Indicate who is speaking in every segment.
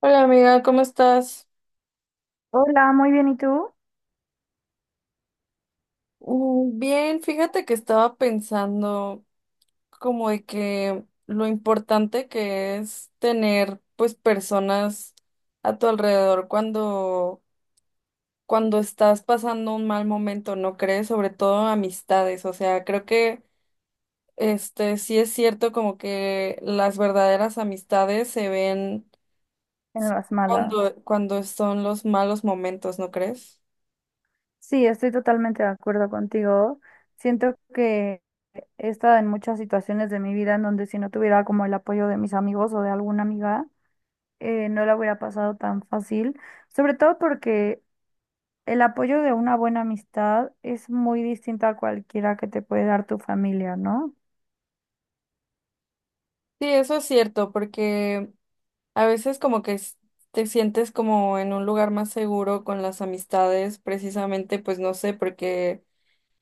Speaker 1: Hola amiga, ¿cómo estás?
Speaker 2: Hola, muy bien, ¿y tú?
Speaker 1: Mm, bien, fíjate que estaba pensando como de que lo importante que es tener pues personas a tu alrededor cuando estás pasando un mal momento, ¿no crees? Sobre todo amistades, o sea, creo que este sí es cierto como que las verdaderas amistades se ven
Speaker 2: En las malas.
Speaker 1: cuando son los malos momentos, ¿no crees?
Speaker 2: Sí, estoy totalmente de acuerdo contigo. Siento que he estado en muchas situaciones de mi vida en donde si no tuviera como el apoyo de mis amigos o de alguna amiga, no la hubiera pasado tan fácil. Sobre todo porque el apoyo de una buena amistad es muy distinto a cualquiera que te puede dar tu familia, ¿no?
Speaker 1: Sí, eso es cierto, porque a veces como que te sientes como en un lugar más seguro con las amistades, precisamente, pues no sé, porque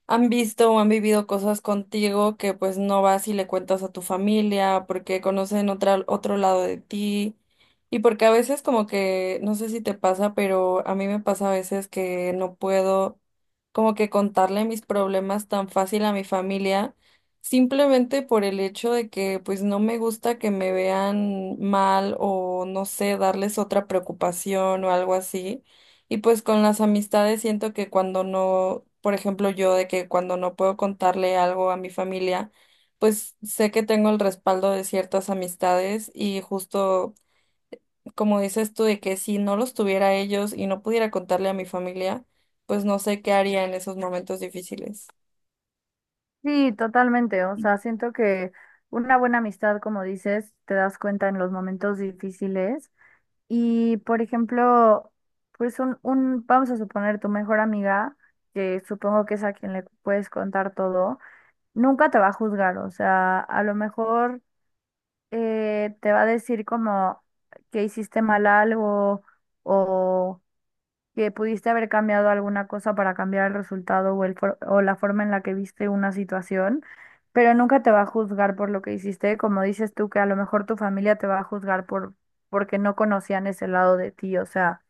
Speaker 1: han visto o han vivido cosas contigo que pues no vas y le cuentas a tu familia porque conocen otro lado de ti y porque a veces como que, no sé si te pasa, pero a mí me pasa a veces que no puedo como que contarle mis problemas tan fácil a mi familia simplemente por el hecho de que pues no me gusta que me vean mal o no sé, darles otra preocupación o algo así. Y pues con las amistades siento que cuando no, por ejemplo, yo de que cuando no puedo contarle algo a mi familia, pues sé que tengo el respaldo de ciertas amistades y justo como dices tú de que si no los tuviera ellos y no pudiera contarle a mi familia, pues no sé qué haría en esos momentos difíciles.
Speaker 2: Sí, totalmente. O sea, siento que una buena amistad, como dices, te das cuenta en los momentos difíciles. Y por ejemplo, pues vamos a suponer tu mejor amiga, que supongo que es a quien le puedes contar todo, nunca te va a juzgar, o sea, a lo mejor te va a decir como que hiciste mal algo o que pudiste haber cambiado alguna cosa para cambiar el resultado o la forma en la que viste una situación, pero nunca te va a juzgar por lo que hiciste, como dices tú, que a lo mejor tu familia te va a juzgar porque no conocían ese lado de ti, o sea,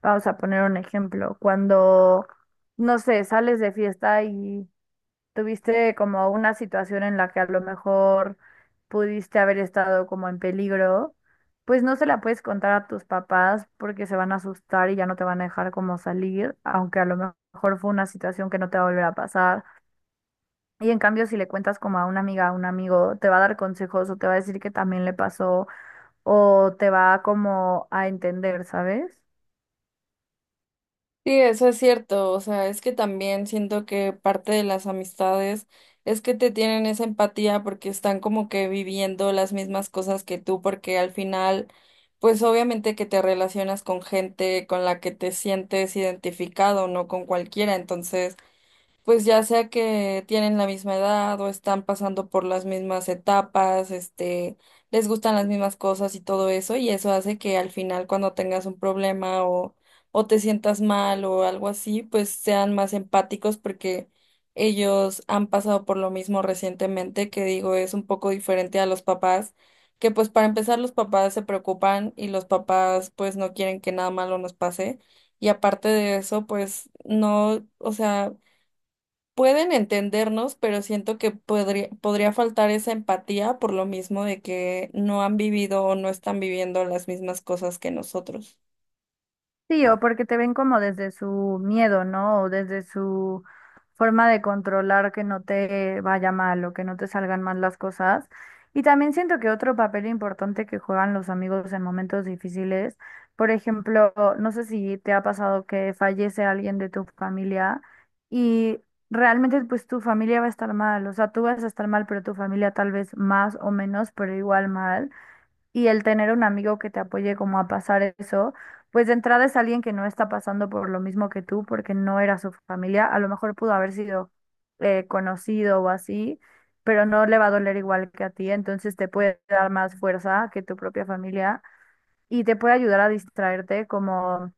Speaker 2: vamos a poner un ejemplo, cuando, no sé, sales de fiesta y ¿tuviste como una situación en la que a lo mejor pudiste haber estado como en peligro? Pues no se la puedes contar a tus papás porque se van a asustar y ya no te van a dejar como salir, aunque a lo mejor fue una situación que no te va a volver a pasar. Y en cambio, si le cuentas como a una amiga, a un amigo, te va a dar consejos o te va a decir que también le pasó o te va como a entender, ¿sabes?
Speaker 1: Sí, eso es cierto, o sea, es que también siento que parte de las amistades es que te tienen esa empatía porque están como que viviendo las mismas cosas que tú, porque al final, pues obviamente que te relacionas con gente con la que te sientes identificado, no con cualquiera, entonces pues ya sea que tienen la misma edad o están pasando por las mismas etapas, les gustan las mismas cosas y todo eso, y eso hace que al final cuando tengas un problema o te sientas mal o algo así, pues sean más empáticos porque ellos han pasado por lo mismo recientemente, que digo, es un poco diferente a los papás, que pues para empezar los papás se preocupan y los papás pues no quieren que nada malo nos pase. Y aparte de eso, pues no, o sea, pueden entendernos, pero siento que podría faltar esa empatía por lo mismo de que no han vivido o no están viviendo las mismas cosas que nosotros.
Speaker 2: Sí, o porque te ven como desde su miedo, ¿no? O desde su forma de controlar que no te vaya mal o que no te salgan mal las cosas. Y también siento que otro papel importante que juegan los amigos en momentos difíciles, por ejemplo, no sé si te ha pasado que fallece alguien de tu familia y realmente pues tu familia va a estar mal, o sea, tú vas a estar mal, pero tu familia tal vez más o menos, pero igual mal, y el tener un amigo que te apoye como a pasar eso, pues de entrada es alguien que no está pasando por lo mismo que tú, porque no era su familia, a lo mejor pudo haber sido conocido o así, pero no le va a doler igual que a ti, entonces te puede dar más fuerza que tu propia familia y te puede ayudar a distraerte como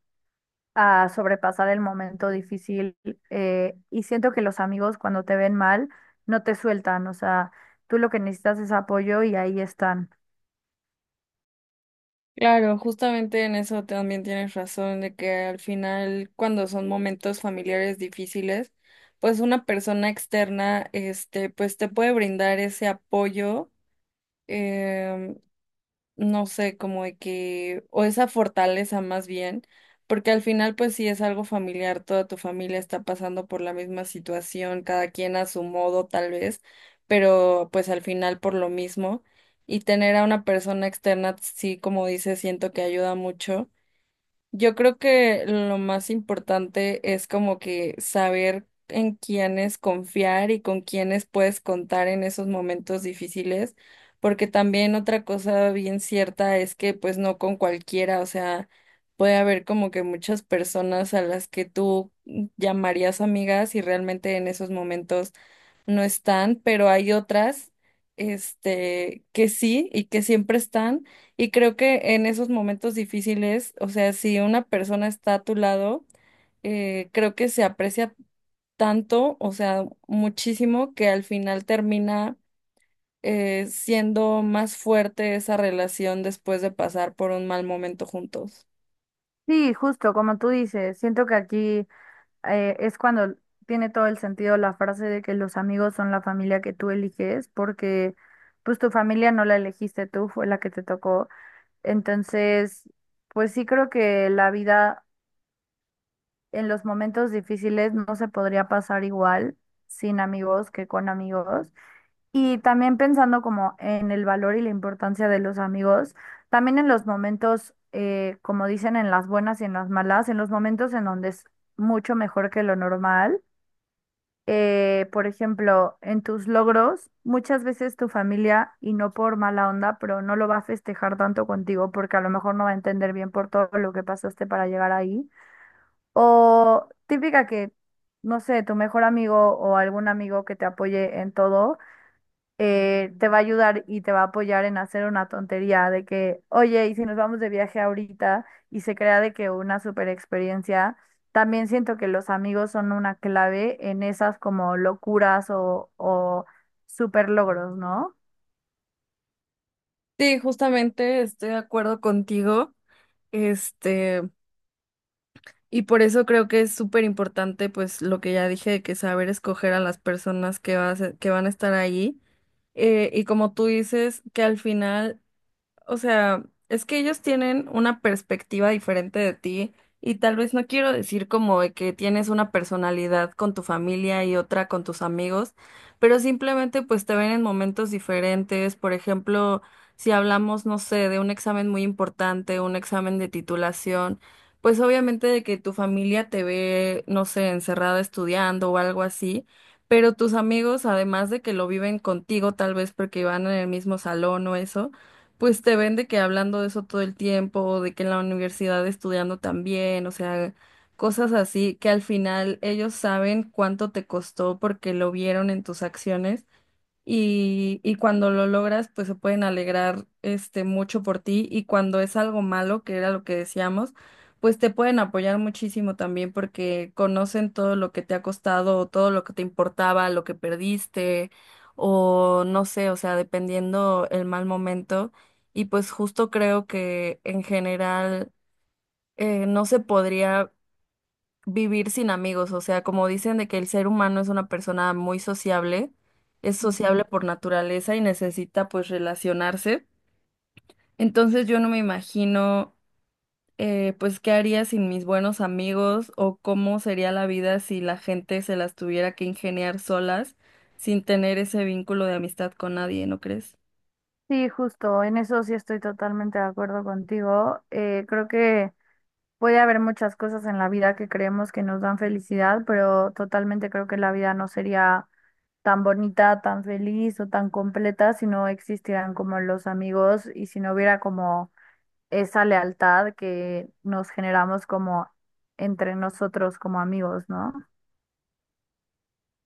Speaker 2: a sobrepasar el momento difícil. Y siento que los amigos cuando te ven mal no te sueltan, o sea, tú lo que necesitas es apoyo y ahí están.
Speaker 1: Claro, justamente en eso también tienes razón, de que al final, cuando son momentos familiares difíciles, pues una persona externa, este, pues te puede brindar ese apoyo, em, no sé, como de que, o esa fortaleza más bien, porque al final pues sí es algo familiar, toda tu familia está pasando por la misma situación, cada quien a su modo tal vez, pero pues al final por lo mismo, y tener a una persona externa, sí, como dices, siento que ayuda mucho. Yo creo que lo más importante es como que saber en quiénes confiar y con quiénes puedes contar en esos momentos difíciles, porque también otra cosa bien cierta es que pues no con cualquiera, o sea, puede haber como que muchas personas a las que tú llamarías amigas y realmente en esos momentos no están, pero hay otras, este, que sí y que siempre están. Y creo que en esos momentos difíciles, o sea, si una persona está a tu lado, creo que se aprecia tanto, o sea, muchísimo, que al final termina siendo más fuerte esa relación después de pasar por un mal momento juntos.
Speaker 2: Sí, justo como tú dices, siento que aquí es cuando tiene todo el sentido la frase de que los amigos son la familia que tú eliges, porque pues tu familia no la elegiste tú, fue la que te tocó. Entonces, pues sí creo que la vida en los momentos difíciles no se podría pasar igual sin amigos que con amigos. Y también pensando como en el valor y la importancia de los amigos, también en los momentos, como dicen, en las buenas y en las malas, en los momentos en donde es mucho mejor que lo normal, por ejemplo, en tus logros, muchas veces tu familia, y no por mala onda, pero no lo va a festejar tanto contigo porque a lo mejor no va a entender bien por todo lo que pasaste para llegar ahí. O típica que, no sé, tu mejor amigo o algún amigo que te apoye en todo te va a ayudar y te va a apoyar en hacer una tontería de que, oye, y si nos vamos de viaje ahorita y se crea de que una super experiencia, también siento que los amigos son una clave en esas como locuras o super logros, ¿no?
Speaker 1: Sí, justamente estoy de acuerdo contigo. Este, Y por eso creo que es súper importante, pues lo que ya dije, de que saber escoger a las personas vas que van a estar ahí. Y como tú dices, que al final, o sea, es que ellos tienen una perspectiva diferente de ti y tal vez no quiero decir como de que tienes una personalidad con tu familia y otra con tus amigos, pero simplemente pues te ven en momentos diferentes. Por ejemplo, si hablamos, no sé, de un examen muy importante, un examen de titulación, pues obviamente de que tu familia te ve, no sé, encerrada estudiando o algo así. Pero tus amigos, además de que lo viven contigo, tal vez porque van en el mismo salón o eso, pues te ven de que hablando de eso todo el tiempo, de que en la universidad estudiando también, o sea, cosas así que al final ellos saben cuánto te costó porque lo vieron en tus acciones y cuando lo logras, pues se pueden alegrar este mucho por ti y cuando es algo malo, que era lo que decíamos, pues te pueden apoyar muchísimo también porque conocen todo lo que te ha costado, o todo lo que te importaba, lo que perdiste o no sé, o sea, dependiendo el mal momento y pues justo creo que en general no se podría vivir sin amigos, o sea, como dicen de que el ser humano es una persona muy sociable, es
Speaker 2: Ujú.
Speaker 1: sociable por naturaleza y necesita pues relacionarse. Entonces yo no me imagino, pues qué haría sin mis buenos amigos o cómo sería la vida si la gente se las tuviera que ingeniar solas sin tener ese vínculo de amistad con nadie, ¿no crees?
Speaker 2: Sí, justo, en eso sí estoy totalmente de acuerdo contigo. Creo que... puede haber muchas cosas en la vida que creemos que nos dan felicidad, pero totalmente creo que la vida no sería tan bonita, tan feliz o tan completa si no existieran como los amigos y si no hubiera como esa lealtad que nos generamos como entre nosotros como amigos, ¿no?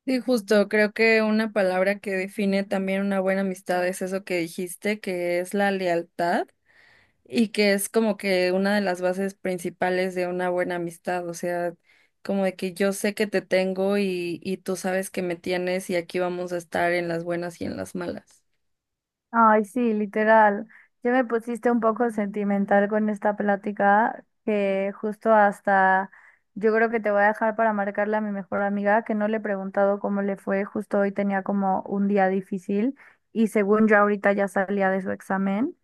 Speaker 1: Sí, justo, creo que una palabra que define también una buena amistad es eso que dijiste, que es la lealtad. Y que es como que una de las bases principales de una buena amistad, o sea, como de que yo sé que te tengo y tú sabes que me tienes y aquí vamos a estar en las buenas y en las malas.
Speaker 2: Ay, sí, literal. Ya me pusiste un poco sentimental con esta plática que justo hasta yo creo que te voy a dejar para marcarle a mi mejor amiga que no le he preguntado cómo le fue. Justo hoy tenía como un día difícil y según yo ahorita ya salía de su examen.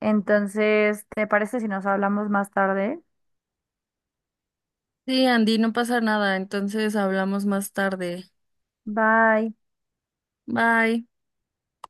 Speaker 2: Entonces, ¿te parece si nos hablamos más tarde?
Speaker 1: Sí, Andy, no pasa nada, entonces hablamos más tarde.
Speaker 2: Bye.
Speaker 1: Bye.